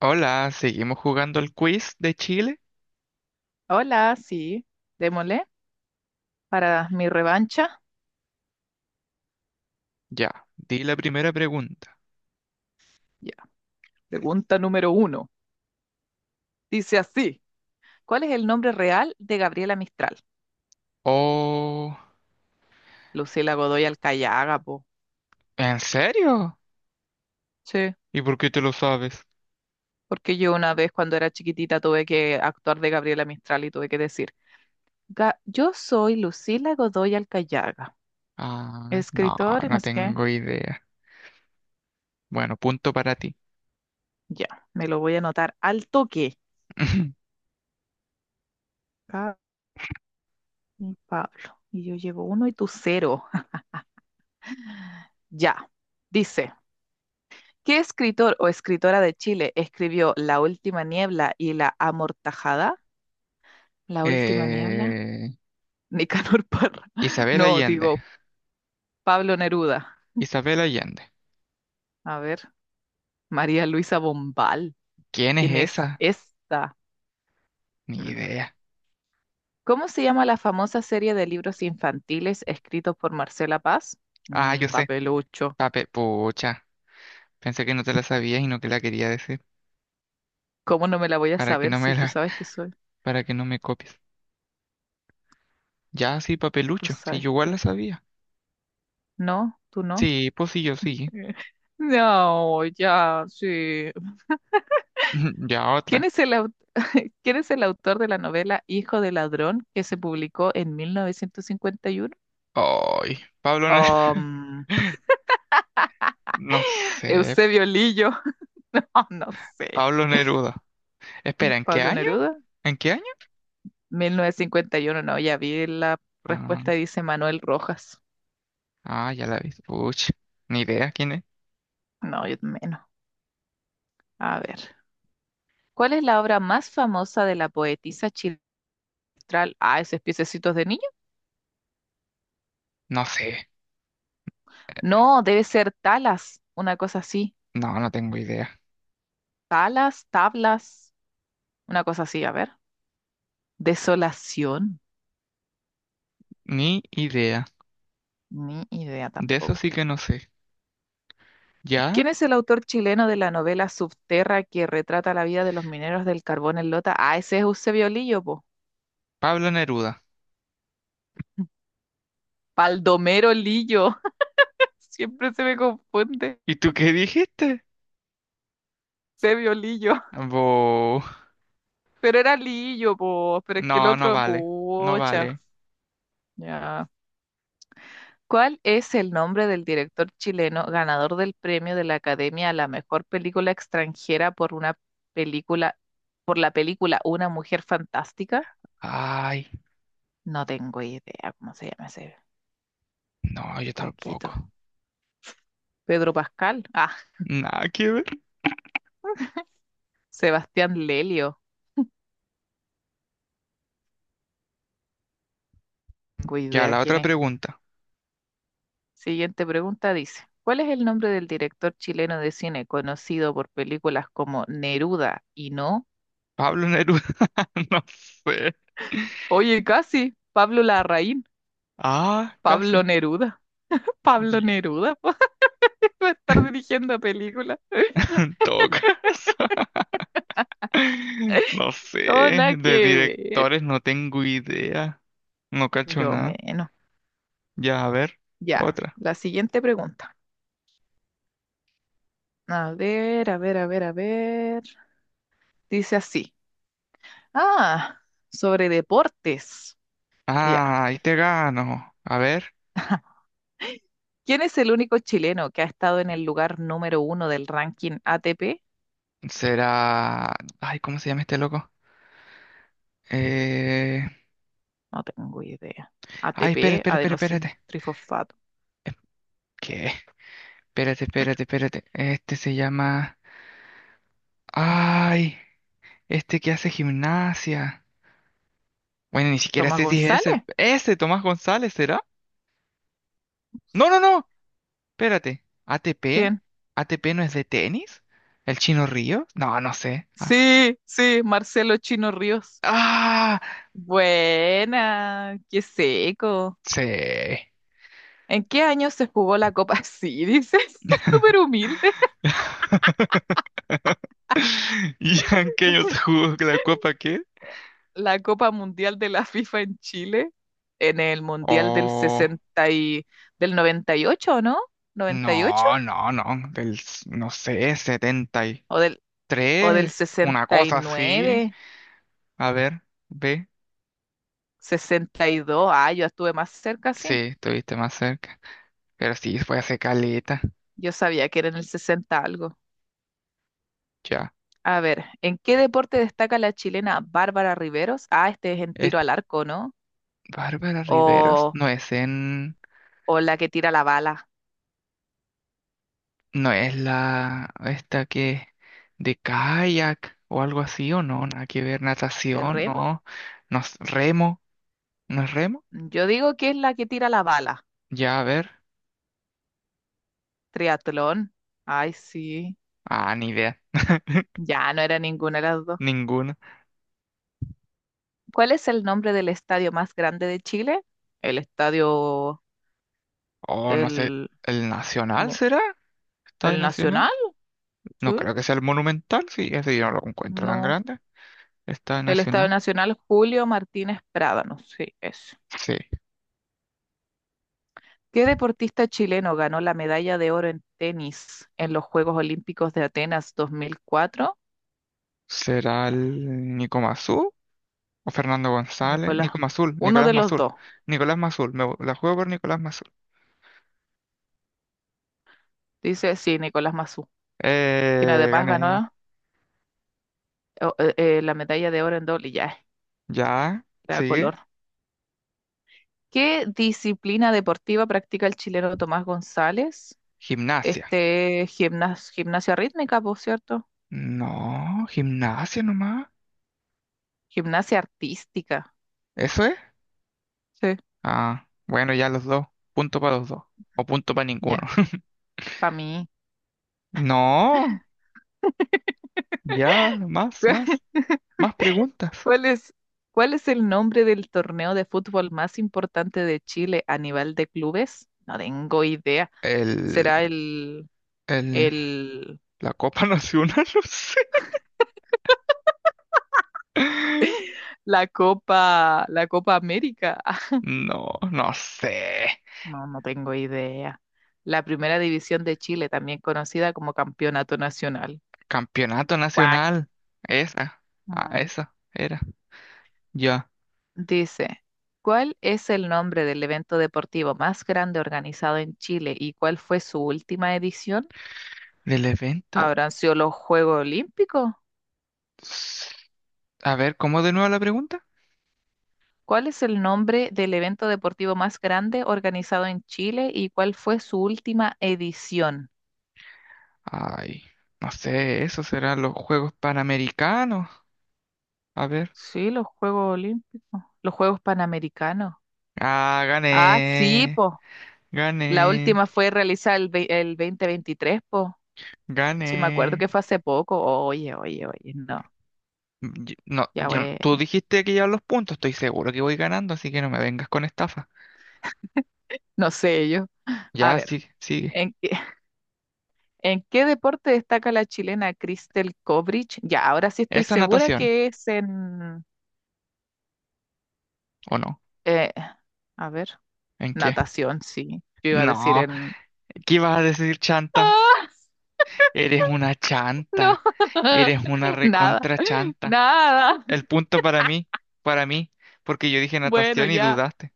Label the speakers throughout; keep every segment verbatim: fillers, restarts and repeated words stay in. Speaker 1: Hola, ¿seguimos jugando el quiz de Chile?
Speaker 2: Hola, sí, démosle para mi revancha.
Speaker 1: Ya, di la primera pregunta.
Speaker 2: Ya, pregunta número uno. Dice así: ¿Cuál es el nombre real de Gabriela Mistral?
Speaker 1: Oh,
Speaker 2: Lucila Godoy Alcayaga, po.
Speaker 1: ¿en serio?
Speaker 2: Sí,
Speaker 1: ¿Y por qué te lo sabes?
Speaker 2: porque yo una vez cuando era chiquitita tuve que actuar de Gabriela Mistral y tuve que decir: "Ga- "Yo soy Lucila Godoy Alcayaga,
Speaker 1: Ah, no,
Speaker 2: escritora y no
Speaker 1: no
Speaker 2: sé qué".
Speaker 1: tengo idea. Bueno, punto para ti.
Speaker 2: Ya, me lo voy a anotar al toque. Gaby Pablo. Y yo llevo uno y tú cero. Ya, dice. ¿Qué escritor o escritora de Chile escribió La última niebla y La amortajada? ¿La última niebla?
Speaker 1: Eh,
Speaker 2: Nicanor Parra.
Speaker 1: Isabel
Speaker 2: No,
Speaker 1: Allende.
Speaker 2: digo, Pablo Neruda.
Speaker 1: Isabel Allende.
Speaker 2: A ver, María Luisa Bombal.
Speaker 1: ¿Quién es
Speaker 2: ¿Quién es
Speaker 1: esa?
Speaker 2: esta?
Speaker 1: Ni
Speaker 2: Mm.
Speaker 1: idea.
Speaker 2: ¿Cómo se llama la famosa serie de libros infantiles escritos por Marcela Paz?
Speaker 1: Ah,
Speaker 2: Mm,
Speaker 1: yo sé.
Speaker 2: papelucho.
Speaker 1: Pape, pucha. Pensé que no te la sabías y no que la quería decir.
Speaker 2: ¿Cómo no me la voy a
Speaker 1: Para que
Speaker 2: saber
Speaker 1: no me
Speaker 2: si tú
Speaker 1: la,
Speaker 2: sabes que soy?
Speaker 1: para que no me copies. Ya, sí,
Speaker 2: ¿Tú
Speaker 1: papelucho. Sí,
Speaker 2: sabes
Speaker 1: yo igual
Speaker 2: que?
Speaker 1: la sabía.
Speaker 2: No, tú no.
Speaker 1: Sí, pues sí, yo sí.
Speaker 2: No, ya, sí.
Speaker 1: Ya
Speaker 2: ¿Quién
Speaker 1: otra.
Speaker 2: es el, au- ¿Quién es el autor de la novela Hijo de Ladrón que se publicó en mil novecientos cincuenta y uno?
Speaker 1: Ay, Pablo Neruda.
Speaker 2: Um,
Speaker 1: No sé.
Speaker 2: Eusebio Lillo, oh, no sé.
Speaker 1: Pablo Neruda. Espera, ¿en qué
Speaker 2: Pablo
Speaker 1: año?
Speaker 2: Neruda,
Speaker 1: ¿En qué año?
Speaker 2: mil novecientos cincuenta y uno, no, ya vi la respuesta,
Speaker 1: Ah,
Speaker 2: dice Manuel Rojas.
Speaker 1: ah, ya la vi. Puch, ni idea quién es.
Speaker 2: No, yo menos. A ver. ¿Cuál es la obra más famosa de la poetisa Chiltral? Ah, esos piececitos de niño.
Speaker 1: No sé.
Speaker 2: No, debe ser Talas, una cosa así.
Speaker 1: No, no tengo idea.
Speaker 2: Talas, tablas, una cosa así, a ver. Desolación.
Speaker 1: Ni idea.
Speaker 2: Ni idea
Speaker 1: De eso
Speaker 2: tampoco.
Speaker 1: sí que no sé.
Speaker 2: ¿Quién
Speaker 1: ¿Ya?
Speaker 2: es el autor chileno de la novela Subterra que retrata la vida de los mineros del carbón en Lota? Ah, ese es Eusebio Lillo, po.
Speaker 1: Pablo Neruda.
Speaker 2: Baldomero Lillo. Siempre se me confunde.
Speaker 1: ¿Y tú qué dijiste?
Speaker 2: Eusebio Lillo.
Speaker 1: Bo.
Speaker 2: Pero era Lillo, po. Pero es que el
Speaker 1: No, no
Speaker 2: otro,
Speaker 1: vale. No
Speaker 2: pucha.
Speaker 1: vale.
Speaker 2: Ya. ¿Cuál es el nombre del director chileno ganador del premio de la Academia a la mejor película extranjera por una película, por la película Una Mujer Fantástica?
Speaker 1: Ay,
Speaker 2: No tengo idea cómo se llama ese
Speaker 1: no, yo
Speaker 2: loquito.
Speaker 1: tampoco.
Speaker 2: Pedro Pascal. Ah,
Speaker 1: Nada que ver.
Speaker 2: Sebastián Lelio. Tengo
Speaker 1: Ya,
Speaker 2: idea
Speaker 1: la
Speaker 2: quién
Speaker 1: otra
Speaker 2: es.
Speaker 1: pregunta.
Speaker 2: Siguiente pregunta dice, ¿cuál es el nombre del director chileno de cine conocido por películas como Neruda y No?
Speaker 1: Pablo Neruda. No sé.
Speaker 2: Oye, casi. Pablo Larraín.
Speaker 1: Ah, casi.
Speaker 2: Pablo Neruda. Pablo
Speaker 1: Y-
Speaker 2: Neruda. Va a estar dirigiendo películas.
Speaker 1: En todo caso, no sé,
Speaker 2: No, nada que
Speaker 1: de
Speaker 2: ver.
Speaker 1: directores no tengo idea, no cacho
Speaker 2: Yo
Speaker 1: nada.
Speaker 2: menos.
Speaker 1: Ya, a ver,
Speaker 2: Ya,
Speaker 1: otra.
Speaker 2: la siguiente pregunta. A ver, a ver, a ver, a ver. Dice así. Ah, sobre deportes. Ya.
Speaker 1: Ah, ahí te gano. A ver,
Speaker 2: ¿Quién es el único chileno que ha estado en el lugar número uno del ranking A T P?
Speaker 1: será... Ay, ¿cómo se llama este loco? Eh...
Speaker 2: No tengo idea.
Speaker 1: Ay, espera,
Speaker 2: A T P,
Speaker 1: espera, espera, espérate.
Speaker 2: adenosín trifosfato.
Speaker 1: ¿Qué? Espérate, espérate, espérate. Este se llama... Ay, este que hace gimnasia. Bueno, ni siquiera
Speaker 2: ¿Tomás
Speaker 1: sé si es ese.
Speaker 2: González?
Speaker 1: Ese, Tomás González, ¿será?
Speaker 2: No
Speaker 1: No,
Speaker 2: sé.
Speaker 1: no, no. Espérate, ¿A T P?
Speaker 2: ¿Quién?
Speaker 1: ¿A T P no es de tenis? ¿El Chino Río? No, no sé. Ah,
Speaker 2: Sí, sí, Marcelo Chino Ríos.
Speaker 1: ¡ah!
Speaker 2: Buena, qué seco.
Speaker 1: Sí.
Speaker 2: ¿En qué año se jugó la Copa? Sí, dices, súper humilde.
Speaker 1: ¿Y en qué año se jugó la Copa qué?
Speaker 2: La Copa Mundial de la FIFA en Chile, en el Mundial del
Speaker 1: Oh,
Speaker 2: sesenta y del noventa y ocho, ¿o no? ¿noventa y ocho?
Speaker 1: no, no, no, del, s- no sé, setenta y
Speaker 2: ¿O del, o del
Speaker 1: tres,
Speaker 2: sesenta,
Speaker 1: una
Speaker 2: sesenta y
Speaker 1: cosa así.
Speaker 2: nueve,
Speaker 1: A ver, ve,
Speaker 2: sesenta y dos? Ah, yo estuve más cerca,
Speaker 1: sí,
Speaker 2: sí.
Speaker 1: estuviste más cerca, pero sí, fue hace caleta,
Speaker 2: Yo sabía que era en el sesenta algo.
Speaker 1: ya.
Speaker 2: A ver, ¿en qué deporte destaca la chilena Bárbara Riveros? Ah, este es en
Speaker 1: Es
Speaker 2: tiro al arco, ¿no?
Speaker 1: Bárbara Riveros,
Speaker 2: O,
Speaker 1: no es en...
Speaker 2: o la que tira la bala.
Speaker 1: No es la esta que de kayak o algo así o no, nada que ver, natación,
Speaker 2: ¿Terremo?
Speaker 1: no, no es remo, ¿no es remo?
Speaker 2: Yo digo que es la que tira la bala.
Speaker 1: Ya, a ver,
Speaker 2: Triatlón. Ay, sí.
Speaker 1: ah, ni idea,
Speaker 2: Ya no era ninguna de las dos.
Speaker 1: ninguna.
Speaker 2: ¿Cuál es el nombre del estadio más grande de Chile? El estadio,
Speaker 1: Oh, no sé,
Speaker 2: el,
Speaker 1: ¿el Nacional
Speaker 2: mo-
Speaker 1: será? ¿Estadio
Speaker 2: el
Speaker 1: Nacional?
Speaker 2: Nacional,
Speaker 1: No
Speaker 2: ¿sí?
Speaker 1: creo que sea el Monumental, sí, ese yo no lo encuentro tan
Speaker 2: No.
Speaker 1: grande. ¿Estadio
Speaker 2: El Estado
Speaker 1: Nacional?
Speaker 2: Nacional Julio Martínez Prádanos, sí, es.
Speaker 1: Sí.
Speaker 2: ¿Qué deportista chileno ganó la medalla de oro en tenis en los Juegos Olímpicos de Atenas dos mil cuatro?
Speaker 1: ¿Será el Nico Mazú o Fernando González? Nico
Speaker 2: Nicolás,
Speaker 1: Mazul,
Speaker 2: uno
Speaker 1: Nicolás
Speaker 2: de los
Speaker 1: Mazul,
Speaker 2: dos,
Speaker 1: Nicolás Mazul, me la juego por Nicolás Mazul.
Speaker 2: dice, sí, Nicolás Massú, quien
Speaker 1: Eh,
Speaker 2: además
Speaker 1: gané.
Speaker 2: ganó eh, eh, eh, la medalla de oro en doble, ya,
Speaker 1: Ya,
Speaker 2: da
Speaker 1: sigue.
Speaker 2: color. ¿Qué disciplina deportiva practica el chileno Tomás González?
Speaker 1: Gimnasia.
Speaker 2: Este, gimnas- gimnasia rítmica, por cierto.
Speaker 1: No, gimnasia nomás.
Speaker 2: Gimnasia artística,
Speaker 1: ¿Eso es?
Speaker 2: sí,
Speaker 1: Ah, bueno, ya los dos. Punto para los dos. O punto para ninguno.
Speaker 2: ya, para mí.
Speaker 1: No, ya, más, más, más preguntas.
Speaker 2: ¿Cuál es, cuál es el nombre del torneo de fútbol más importante de Chile a nivel de clubes? No tengo idea.
Speaker 1: El,
Speaker 2: ¿Será el,
Speaker 1: el,
Speaker 2: el,
Speaker 1: la Copa Nacional, no sé.
Speaker 2: la Copa, la Copa América?
Speaker 1: No, no sé.
Speaker 2: No, no tengo idea. La Primera División de Chile, también conocida como Campeonato Nacional.
Speaker 1: Campeonato
Speaker 2: Cuac.
Speaker 1: Nacional. Esa, ah,
Speaker 2: Mm,
Speaker 1: esa era. Ya,
Speaker 2: dice, ¿cuál es el nombre del evento deportivo más grande organizado en Chile y cuál fue su última edición?
Speaker 1: del evento.
Speaker 2: ¿Habrán sido los Juegos Olímpicos?
Speaker 1: A ver, ¿cómo de nuevo la pregunta?
Speaker 2: ¿Cuál es el nombre del evento deportivo más grande organizado en Chile y cuál fue su última edición?
Speaker 1: Ay, no sé, esos serán los Juegos Panamericanos. A ver.
Speaker 2: Sí, los Juegos Olímpicos, los Juegos Panamericanos.
Speaker 1: Ah,
Speaker 2: Ah, sí,
Speaker 1: gané,
Speaker 2: po. La
Speaker 1: gané,
Speaker 2: última fue realizada el, ve, el dos mil veintitrés, po. Sí, me acuerdo
Speaker 1: gané.
Speaker 2: que fue hace poco. Oye, oye, oye, no.
Speaker 1: Yo- no,
Speaker 2: Ya
Speaker 1: yo no-
Speaker 2: bueno,
Speaker 1: tú dijiste que ya los puntos, estoy seguro que voy ganando, así que no me vengas con estafa.
Speaker 2: no sé yo. A
Speaker 1: Ya,
Speaker 2: ver,
Speaker 1: sí, sigue.
Speaker 2: ¿en qué, en qué deporte destaca la chilena Cristel Kobrich? Ya, ahora sí estoy
Speaker 1: ¿Esa
Speaker 2: segura
Speaker 1: natación?
Speaker 2: que es en,
Speaker 1: ¿O no?
Speaker 2: eh, a ver.
Speaker 1: ¿En qué?
Speaker 2: Natación, sí. Yo iba a decir
Speaker 1: No,
Speaker 2: en.
Speaker 1: ¿qué ibas a decir, chanta? Eres una
Speaker 2: No,
Speaker 1: chanta. Eres una
Speaker 2: nada,
Speaker 1: recontra chanta.
Speaker 2: nada.
Speaker 1: El punto para mí, para mí, porque yo dije
Speaker 2: Bueno,
Speaker 1: natación y
Speaker 2: ya.
Speaker 1: dudaste.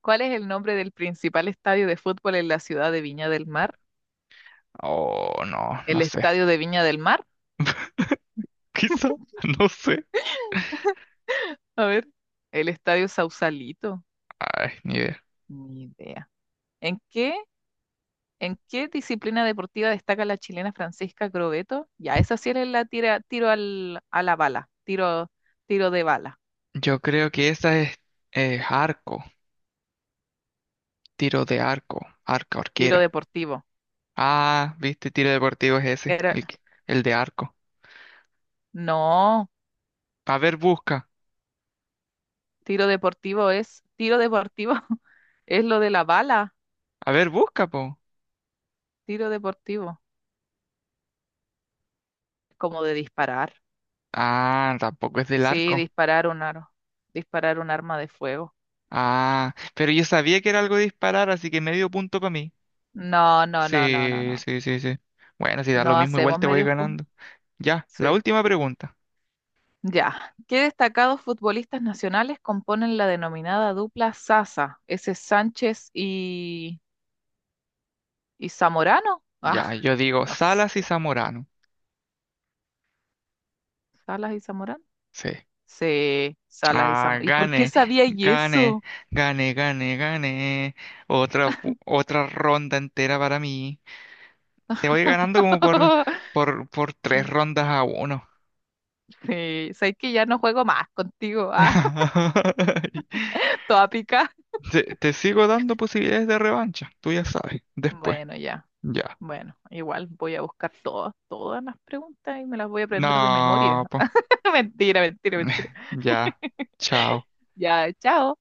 Speaker 2: ¿Cuál es el nombre del principal estadio de fútbol en la ciudad de Viña del Mar?
Speaker 1: Oh, no, no
Speaker 2: ¿El
Speaker 1: sé.
Speaker 2: estadio de Viña del Mar?
Speaker 1: Quizá, no sé.
Speaker 2: A ver, el estadio Sausalito.
Speaker 1: Ay, ni idea.
Speaker 2: Ni idea. ¿En qué, en qué disciplina deportiva destaca la chilena Francisca Grobeto? Ya, esa sí es la tira, tiro al, a la bala, tiro, tiro de bala,
Speaker 1: Yo creo que esa es eh, arco, tiro de arco, arca
Speaker 2: tiro
Speaker 1: arquera.
Speaker 2: deportivo.
Speaker 1: Ah, viste, tiro deportivo es ese,
Speaker 2: Era,
Speaker 1: el, que- el de arco.
Speaker 2: no,
Speaker 1: A ver, busca.
Speaker 2: tiro deportivo es, tiro deportivo es lo de la bala,
Speaker 1: A ver, busca, po.
Speaker 2: tiro deportivo, como de disparar.
Speaker 1: Ah, tampoco es del
Speaker 2: Sí,
Speaker 1: arco.
Speaker 2: disparar un aro, disparar un arma de fuego.
Speaker 1: Ah, pero yo sabía que era algo de disparar, así que medio punto para mí.
Speaker 2: No, no, no, no, no,
Speaker 1: Sí,
Speaker 2: no.
Speaker 1: sí, sí, sí. Bueno, si da lo
Speaker 2: No
Speaker 1: mismo, igual
Speaker 2: hacemos
Speaker 1: te voy
Speaker 2: medios
Speaker 1: ganando.
Speaker 2: puntos.
Speaker 1: Ya, la
Speaker 2: Sí.
Speaker 1: última pregunta.
Speaker 2: Ya. ¿Qué destacados futbolistas nacionales componen la denominada dupla Sasa? ¿Ese es Sánchez y, y Zamorano? Ah,
Speaker 1: Ya, yo digo
Speaker 2: no
Speaker 1: Salas y
Speaker 2: sé.
Speaker 1: Zamorano.
Speaker 2: ¿Salas y Zamorano?
Speaker 1: Sí.
Speaker 2: Sí, Salas y
Speaker 1: Ah,
Speaker 2: Zamorano. ¿Y por
Speaker 1: gane,
Speaker 2: qué sabía y
Speaker 1: gane,
Speaker 2: eso?
Speaker 1: gane, gane, gane. Otra, pu- otra ronda entera para mí. Te voy ganando como por, por, por tres rondas a uno.
Speaker 2: Sí, sabes que ya no juego más contigo, ah, toda pica.
Speaker 1: Te, te sigo dando posibilidades de revancha, tú ya sabes, después.
Speaker 2: Bueno, ya.
Speaker 1: Ya.
Speaker 2: Bueno, igual voy a buscar todas, todas, las preguntas y me las voy a aprender de memoria.
Speaker 1: No, po.
Speaker 2: Mentira, mentira, mentira.
Speaker 1: Ya. Chao.
Speaker 2: Ya, chao.